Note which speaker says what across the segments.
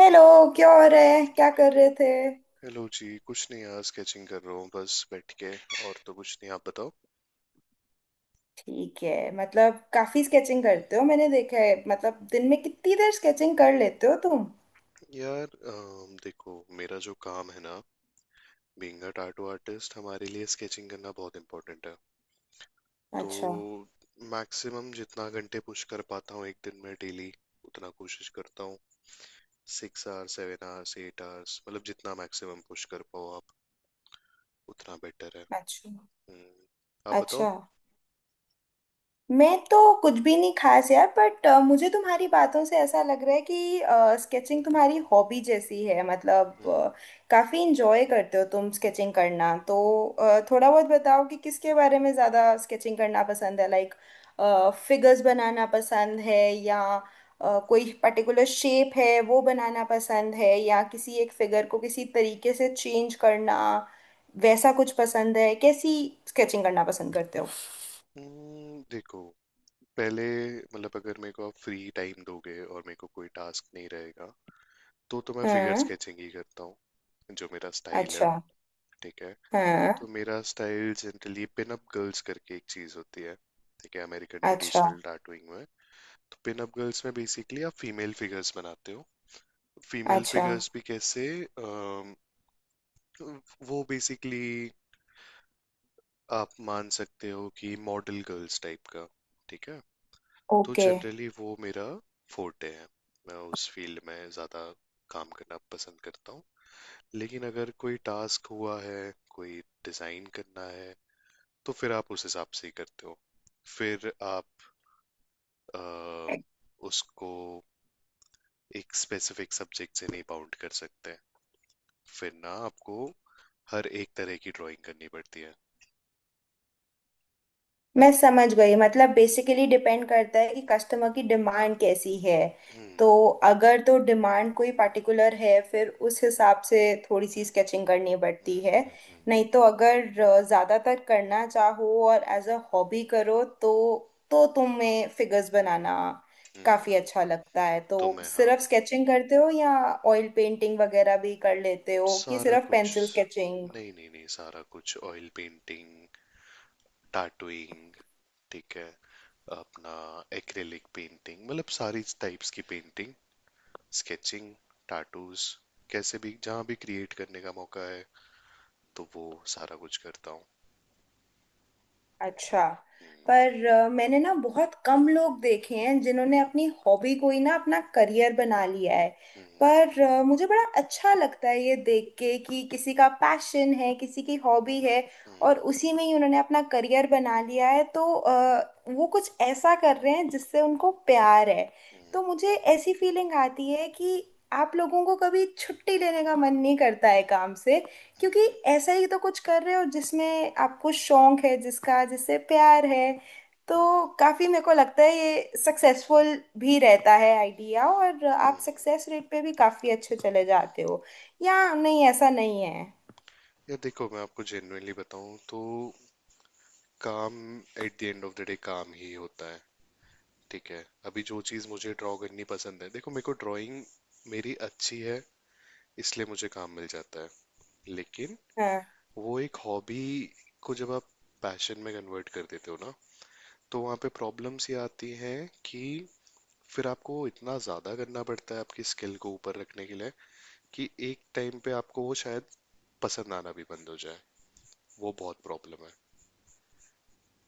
Speaker 1: Hello. क्या हो रहा है? क्या कर रहे थे?
Speaker 2: हेलो जी। कुछ नहीं यार, स्केचिंग कर रहा हूँ बस बैठ के। और तो कुछ नहीं, आप बताओ।
Speaker 1: ठीक है। मतलब काफी स्केचिंग करते हो, मैंने देखा है। मतलब दिन में कितनी देर स्केचिंग कर लेते हो तुम?
Speaker 2: यार, देखो, मेरा जो काम है ना, बीइंग अ टैटू आर्टिस्ट, हमारे लिए स्केचिंग करना बहुत इम्पोर्टेंट है।
Speaker 1: अच्छा।
Speaker 2: तो मैक्सिमम जितना घंटे पुश कर पाता हूँ एक दिन में डेली, उतना कोशिश करता हूँ। Six hours, seven hours, eight hours, मतलब जितना मैक्सिमम पुश कर पाओ आप, उतना बेटर है।
Speaker 1: अच्छा।
Speaker 2: हम्म। आप बताओ।
Speaker 1: अच्छा, मैं तो कुछ भी नहीं खास यार, बट मुझे तुम्हारी बातों से ऐसा लग रहा है कि स्केचिंग तुम्हारी हॉबी जैसी है। मतलब
Speaker 2: हम्म।
Speaker 1: काफी इंजॉय करते हो तुम स्केचिंग करना, तो थोड़ा बहुत बताओ कि किसके बारे में ज्यादा स्केचिंग करना पसंद है। लाइक फिगर्स बनाना पसंद है, या कोई पर्टिकुलर शेप है वो बनाना पसंद है, या किसी एक फिगर को किसी तरीके से चेंज करना वैसा कुछ पसंद है? कैसी स्केचिंग करना पसंद करते हो?
Speaker 2: देखो। पहले, मतलब अगर मेरे को आप फ्री टाइम दोगे और मेरे को कोई टास्क नहीं रहेगा, तो मैं फिगर
Speaker 1: हम्म।
Speaker 2: स्केचिंग ही करता हूँ। जो मेरा स्टाइल है।
Speaker 1: अच्छा।
Speaker 2: ठीक है।
Speaker 1: हाँ।
Speaker 2: तो मेरा style generally pin up girls करके एक चीज होती है, ठीक है, अमेरिकन
Speaker 1: अच्छा।
Speaker 2: ट्रेडिशनल टाटूइंग में। तो पिन अप गर्ल्स में बेसिकली आप फीमेल फिगर्स बनाते हो। फीमेल
Speaker 1: अच्छा।
Speaker 2: फिगर्स भी कैसे? अम, वो बेसिकली, आप मान सकते हो कि मॉडल गर्ल्स टाइप का। ठीक है। तो
Speaker 1: ओके,
Speaker 2: जनरली वो मेरा फोर्टे है। मैं उस फील्ड में ज़्यादा काम करना पसंद करता हूँ। लेकिन अगर कोई टास्क हुआ है, कोई डिज़ाइन करना है, तो फिर आप उस हिसाब से ही करते हो। फिर आप अ, उसको एक स्पेसिफिक सब्जेक्ट से नहीं बाउंड कर सकते। फिर ना आपको हर एक तरह की ड्राइंग करनी पड़ती है।
Speaker 1: मैं समझ गई। मतलब बेसिकली डिपेंड करता है कि कस्टमर की डिमांड कैसी है।
Speaker 2: हम्म
Speaker 1: तो अगर तो डिमांड कोई पार्टिकुलर है, फिर उस हिसाब से थोड़ी सी
Speaker 2: हम्म।
Speaker 1: स्केचिंग करनी पड़ती है।
Speaker 2: हम्म हम्म, हम्म।
Speaker 1: नहीं तो अगर ज़्यादातर करना चाहो और एज अ हॉबी करो तो तुम्हें फिगर्स बनाना
Speaker 2: हम्म।
Speaker 1: काफ़ी अच्छा लगता है, तो
Speaker 2: तो मैं, हाँ।
Speaker 1: सिर्फ स्केचिंग करते हो या ऑयल पेंटिंग वगैरह भी कर लेते हो कि
Speaker 2: सारा
Speaker 1: सिर्फ
Speaker 2: कुछ।
Speaker 1: Pencil sketching?
Speaker 2: नहीं नहीं नहीं, सारा कुछ, ऑयल पेंटिंग, टैटूइंग, ठीक है, अपना एक्रिलिक पेंटिंग, मतलब सारी टाइप्स की पेंटिंग, स्केचिंग, टैटूज, कैसे भी जहाँ भी क्रिएट करने का मौका है, तो वो सारा कुछ करता हूँ।
Speaker 1: अच्छा।
Speaker 2: हम्म।
Speaker 1: पर मैंने ना बहुत कम लोग देखे हैं जिन्होंने अपनी हॉबी को ही ना अपना करियर बना लिया है।
Speaker 2: हम्म।
Speaker 1: पर मुझे बड़ा अच्छा लगता है ये देख के कि किसी का पैशन है, किसी की हॉबी है और
Speaker 2: हम्म।
Speaker 1: उसी में ही उन्होंने अपना करियर बना लिया है, तो वो कुछ ऐसा कर रहे हैं जिससे उनको प्यार है।
Speaker 2: हम्म।
Speaker 1: तो मुझे ऐसी फीलिंग आती है कि आप लोगों को कभी छुट्टी लेने का मन नहीं करता है काम से, क्योंकि
Speaker 2: हम्म।
Speaker 1: ऐसा ही तो कुछ कर रहे हो जिसमें आपको शौक है, जिसका जिससे प्यार है। तो
Speaker 2: हम्म।
Speaker 1: काफी मेरे को लगता है ये सक्सेसफुल भी रहता है आइडिया, और आप
Speaker 2: हम्म।
Speaker 1: सक्सेस रेट पे भी काफी अच्छे चले जाते हो, या नहीं, ऐसा नहीं है?
Speaker 2: यार देखो, मैं आपको जेन्युइनली बताऊं तो, काम, at the end of the day, काम ही होता है। ठीक है। अभी जो चीज़ मुझे ड्रॉ करनी पसंद है, देखो, मेरे को ड्राइंग मेरी अच्छी है, इसलिए मुझे काम मिल जाता है। लेकिन
Speaker 1: हाँ।
Speaker 2: वो एक हॉबी को जब आप पैशन में कन्वर्ट कर देते हो ना, तो वहाँ पे प्रॉब्लम्स ये आती हैं कि फिर आपको इतना ज़्यादा करना पड़ता है आपकी स्किल को ऊपर रखने के लिए, कि एक टाइम पे आपको वो शायद पसंद आना भी बंद हो जाए। वो बहुत प्रॉब्लम है।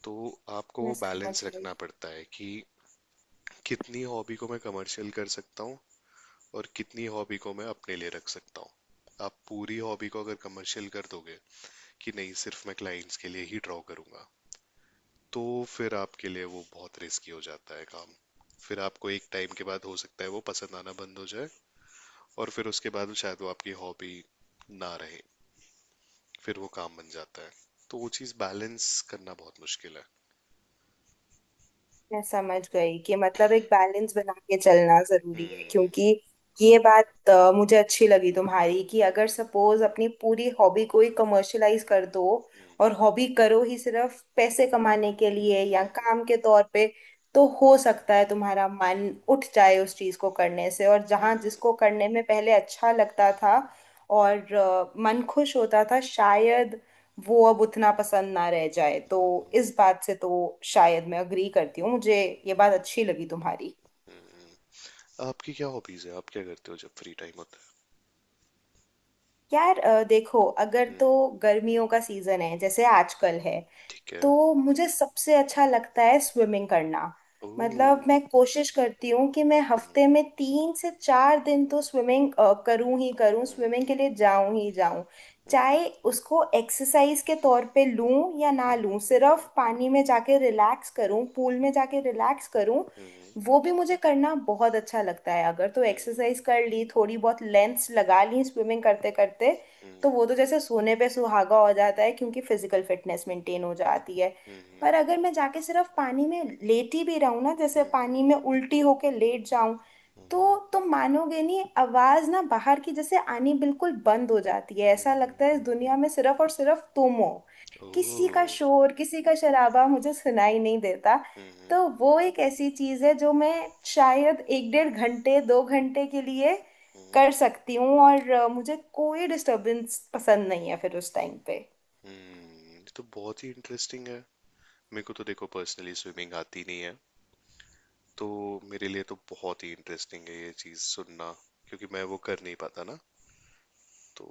Speaker 2: तो आपको
Speaker 1: मैं
Speaker 2: वो
Speaker 1: समझ
Speaker 2: बैलेंस
Speaker 1: गई।
Speaker 2: रखना पड़ता है कि कितनी हॉबी को मैं कमर्शियल कर सकता हूँ और कितनी हॉबी को मैं अपने लिए रख सकता हूँ। आप पूरी हॉबी को अगर कमर्शियल कर दोगे कि नहीं, सिर्फ मैं क्लाइंट्स के लिए ही ड्रॉ करूंगा, तो फिर आपके लिए वो बहुत रिस्की हो जाता है काम। फिर आपको एक टाइम के बाद हो सकता है वो पसंद आना बंद हो जाए और फिर उसके बाद शायद वो आपकी हॉबी ना रहे, फिर वो काम बन जाता है। तो वो चीज़ बैलेंस करना बहुत मुश्किल है।
Speaker 1: मैं समझ गई कि मतलब एक बैलेंस बना के चलना जरूरी है,
Speaker 2: हम्म
Speaker 1: क्योंकि ये बात मुझे अच्छी लगी तुम्हारी कि अगर सपोज अपनी पूरी हॉबी को ही कमर्शलाइज कर दो
Speaker 2: हम्म,
Speaker 1: और हॉबी करो ही सिर्फ पैसे कमाने के लिए या
Speaker 2: हम्म,
Speaker 1: काम के तौर पे, तो हो सकता है तुम्हारा मन उठ जाए उस चीज को करने से, और जहां
Speaker 2: हम्म,
Speaker 1: जिसको करने में पहले अच्छा लगता था और मन खुश होता था, शायद वो अब उतना पसंद ना रह जाए। तो इस बात से तो शायद मैं अग्री करती हूँ। मुझे ये बात अच्छी लगी तुम्हारी।
Speaker 2: हम्म। आपकी क्या हॉबीज है? आप क्या करते हो जब फ्री टाइम होता
Speaker 1: यार देखो, अगर
Speaker 2: है? हम्म।
Speaker 1: तो गर्मियों का सीजन है जैसे आजकल है,
Speaker 2: ठीक है।
Speaker 1: तो मुझे सबसे अच्छा लगता है स्विमिंग करना।
Speaker 2: ओ।
Speaker 1: मतलब मैं कोशिश करती हूँ कि मैं
Speaker 2: हम्म
Speaker 1: हफ्ते में तीन से चार दिन तो स्विमिंग करूँ ही करूँ, स्विमिंग
Speaker 2: हम्म
Speaker 1: के लिए जाऊँ ही जाऊँ।
Speaker 2: हम्म
Speaker 1: चाहे उसको एक्सरसाइज के तौर पे लूँ या ना
Speaker 2: हम्म
Speaker 1: लूँ, सिर्फ पानी में जाके रिलैक्स करूँ, पूल में जाके रिलैक्स करूँ,
Speaker 2: हम्म
Speaker 1: वो भी मुझे करना बहुत अच्छा लगता है। अगर तो
Speaker 2: हम्म
Speaker 1: एक्सरसाइज कर ली, थोड़ी बहुत लेंथ्स लगा ली स्विमिंग करते करते,
Speaker 2: हम्म
Speaker 1: तो
Speaker 2: हम्म
Speaker 1: वो तो जैसे सोने पे सुहागा हो जाता है, क्योंकि फिजिकल फिटनेस मेंटेन हो जाती है।
Speaker 2: हम्म
Speaker 1: पर अगर मैं जाके सिर्फ पानी में लेटी भी रहूँ ना, जैसे
Speaker 2: हम्म
Speaker 1: पानी में
Speaker 2: हम्म
Speaker 1: उल्टी होके लेट जाऊं,
Speaker 2: हम्म
Speaker 1: तो तुम मानोगे नहीं, आवाज ना बाहर की जैसे आनी बिल्कुल बंद हो जाती है।
Speaker 2: हम्म
Speaker 1: ऐसा लगता
Speaker 2: हम्म
Speaker 1: है इस दुनिया
Speaker 2: हम्म,
Speaker 1: में सिर्फ और सिर्फ तुम हो, किसी का
Speaker 2: ओह।
Speaker 1: शोर, किसी का शराबा मुझे सुनाई नहीं देता।
Speaker 2: हम्म
Speaker 1: तो वो एक ऐसी चीज है जो मैं शायद एक डेढ़ घंटे दो घंटे के लिए
Speaker 2: हम्म
Speaker 1: कर सकती हूँ, और मुझे कोई डिस्टरबेंस पसंद नहीं है फिर उस टाइम पे।
Speaker 2: हम्म, ये तो बहुत ही इंटरेस्टिंग है। मेरे को तो देखो पर्सनली स्विमिंग आती नहीं है, तो मेरे लिए तो बहुत ही इंटरेस्टिंग है ये चीज सुनना, क्योंकि मैं वो कर नहीं पाता ना। तो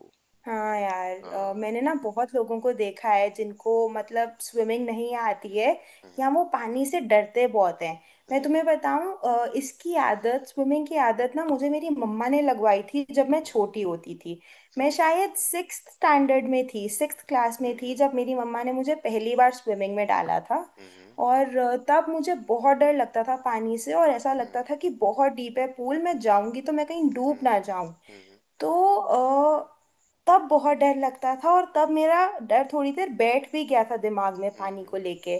Speaker 1: हाँ यार,
Speaker 2: हाँ।
Speaker 1: मैंने ना बहुत लोगों को देखा है जिनको मतलब स्विमिंग नहीं आती है या वो
Speaker 2: हम्म।
Speaker 1: पानी से डरते बहुत हैं। मैं
Speaker 2: हम्म
Speaker 1: तुम्हें बताऊं, इसकी आदत, स्विमिंग की आदत ना मुझे मेरी मम्मा ने लगवाई थी जब मैं छोटी होती थी। मैं
Speaker 2: हम्म
Speaker 1: शायद सिक्स्थ स्टैंडर्ड में थी, सिक्स्थ क्लास में थी
Speaker 2: हम्म
Speaker 1: जब मेरी मम्मा ने मुझे पहली बार स्विमिंग में डाला था।
Speaker 2: हम्म
Speaker 1: और तब मुझे बहुत डर लगता था पानी से, और ऐसा लगता
Speaker 2: हम्म
Speaker 1: था कि बहुत डीप है पूल, मैं जाऊंगी तो मैं कहीं डूब ना जाऊं।
Speaker 2: हम्म
Speaker 1: तो तब बहुत डर लगता था, और तब मेरा डर थोड़ी देर बैठ भी गया था दिमाग में, पानी
Speaker 2: हम्म
Speaker 1: को लेके।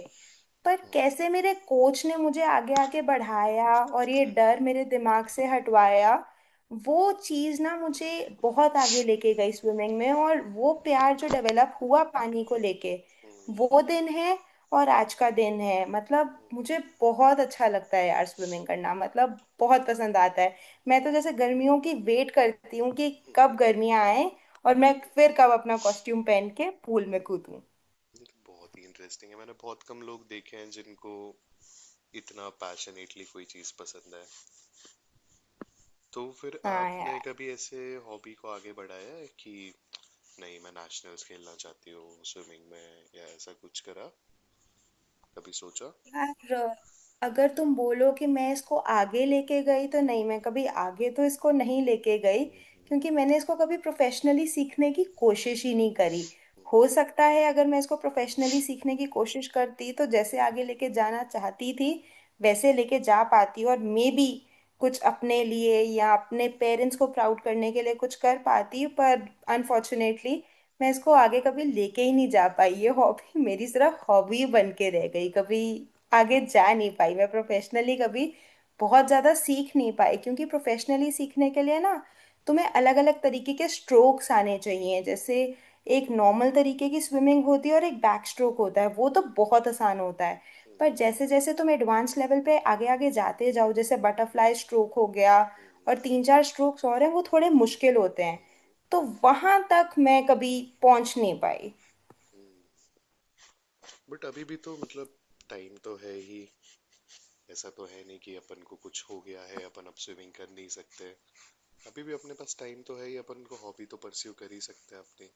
Speaker 1: पर कैसे मेरे कोच ने मुझे आगे आगे बढ़ाया और ये डर
Speaker 2: हम्म,
Speaker 1: मेरे दिमाग से हटवाया, वो चीज़ ना मुझे बहुत आगे लेके गई स्विमिंग में। और वो प्यार जो डेवलप हुआ पानी को लेके, वो दिन है और आज का दिन है, मतलब मुझे बहुत अच्छा लगता है यार स्विमिंग करना, मतलब बहुत पसंद आता है। मैं तो जैसे गर्मियों की वेट करती हूँ कि कब गर्मियाँ आए और मैं फिर कब अपना कॉस्ट्यूम पहन के पूल में कूदूं।
Speaker 2: ये तो बहुत ही इंटरेस्टिंग है। मैंने बहुत कम लोग देखे हैं जिनको इतना पैशनेटली कोई चीज पसंद है। तो फिर
Speaker 1: हाँ
Speaker 2: आपने
Speaker 1: यार।
Speaker 2: कभी ऐसे हॉबी को आगे बढ़ाया है कि नहीं, मैं नेशनल्स खेलना चाहती हूँ स्विमिंग में, या ऐसा कुछ करा? कभी सोचा?
Speaker 1: यार, अगर तुम बोलो कि मैं इसको आगे लेके गई तो नहीं, मैं कभी आगे तो इसको नहीं लेके गई, क्योंकि मैंने इसको कभी प्रोफेशनली सीखने की कोशिश ही नहीं करी। हो सकता है अगर मैं इसको प्रोफेशनली सीखने की कोशिश करती तो जैसे आगे लेके जाना चाहती थी वैसे लेके जा पाती, और मे बी कुछ अपने लिए या अपने पेरेंट्स को प्राउड करने के लिए कुछ कर पाती, पर अनफॉर्चुनेटली मैं इसको आगे कभी लेके ही नहीं जा पाई। ये हॉबी मेरी सिर्फ हॉबी बन के रह गई, कभी आगे जा नहीं पाई। मैं प्रोफेशनली कभी बहुत ज़्यादा सीख नहीं पाई, क्योंकि प्रोफेशनली सीखने के लिए ना तुम्हें अलग अलग तरीके के स्ट्रोक्स आने चाहिए। जैसे एक नॉर्मल तरीके की स्विमिंग होती है और एक बैक स्ट्रोक होता है, वो तो बहुत आसान होता है। पर जैसे जैसे तुम एडवांस लेवल पे आगे आगे जाते जाओ, जैसे बटरफ्लाई स्ट्रोक हो गया और तीन चार स्ट्रोक्स और हैं, वो थोड़े मुश्किल होते हैं। तो वहां तक मैं कभी पहुंच नहीं पाई।
Speaker 2: बट अभी भी तो मतलब, टाइम तो है ही। ऐसा तो है नहीं कि अपन को कुछ हो गया है, अपन अब स्विमिंग कर नहीं सकते। अभी भी अपने पास टाइम तो है ही, अपन को हॉबी तो परस्यू कर ही सकते हैं अपनी।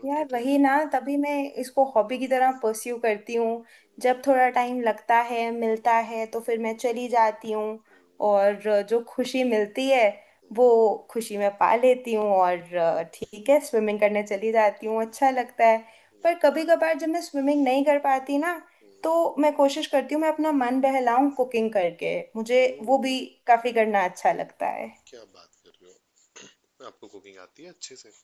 Speaker 2: डोंट
Speaker 1: यार
Speaker 2: यू
Speaker 1: वही
Speaker 2: थिंक?
Speaker 1: ना, तभी मैं इसको हॉबी की तरह परस्यू करती हूँ। जब थोड़ा टाइम लगता है मिलता है तो फिर मैं चली जाती हूँ, और जो खुशी मिलती है वो खुशी मैं पा लेती हूँ। और ठीक है, स्विमिंग करने चली जाती हूँ, अच्छा लगता है। पर कभी कभार जब मैं स्विमिंग नहीं कर पाती ना, तो मैं कोशिश करती हूँ मैं अपना मन बहलाऊं कुकिंग करके, मुझे वो
Speaker 2: ओह,
Speaker 1: भी काफ़ी करना अच्छा लगता है।
Speaker 2: क्या बात कर रहे हो! आपको कुकिंग आती है अच्छे से?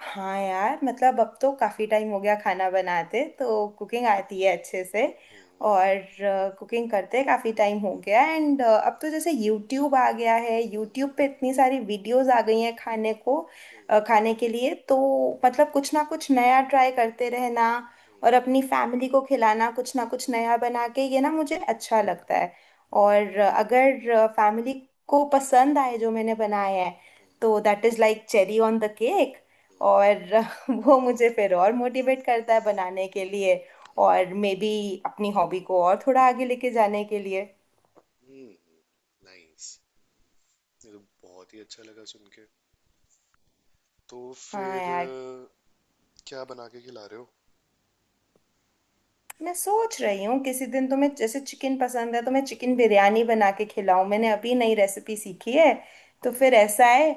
Speaker 1: हाँ यार, मतलब अब तो काफी टाइम हो गया खाना बनाते, तो कुकिंग आती है अच्छे से।
Speaker 2: हम्म।
Speaker 1: और कुकिंग करते काफी टाइम हो गया, एंड अब तो जैसे यूट्यूब आ गया है, यूट्यूब पे इतनी सारी वीडियोस आ गई हैं खाने को, खाने के लिए, तो मतलब कुछ ना कुछ नया ट्राई करते रहना, और अपनी फैमिली को खिलाना कुछ ना कुछ नया बना के, ये ना मुझे अच्छा लगता है। और अगर फैमिली को पसंद आए जो मैंने बनाया है, तो that is like cherry on the cake. और वो मुझे फिर और मोटिवेट करता है बनाने के लिए, और मे बी अपनी हॉबी को और थोड़ा आगे लेके जाने के लिए।
Speaker 2: नाइस। ये तो बहुत ही अच्छा लगा सुन के। तो
Speaker 1: हाँ
Speaker 2: फिर
Speaker 1: यार।
Speaker 2: क्या बना के खिला रहे हो?
Speaker 1: मैं सोच रही हूँ किसी दिन तुम्हें, जैसे चिकन पसंद है, तो मैं चिकन बिरयानी बना के खिलाऊं, मैंने अभी नई रेसिपी सीखी है। तो फिर
Speaker 2: हम्म।
Speaker 1: ऐसा है,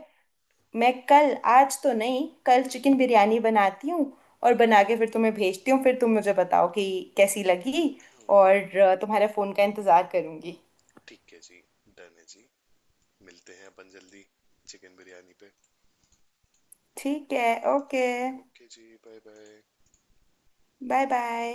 Speaker 1: मैं कल, आज तो नहीं, कल
Speaker 2: हम्म।
Speaker 1: चिकन बिरयानी बनाती हूँ, और बना के फिर तुम्हें भेजती हूँ। फिर तुम मुझे बताओ कि कैसी लगी।
Speaker 2: हम्म।
Speaker 1: और तुम्हारे फ़ोन का इंतज़ार करूँगी।
Speaker 2: ठीक है जी। डन है जी। मिलते हैं अपन जल्दी, चिकन बिरयानी पे।
Speaker 1: ठीक है। ओके।
Speaker 2: ओके जी। Bye bye.
Speaker 1: Bye bye.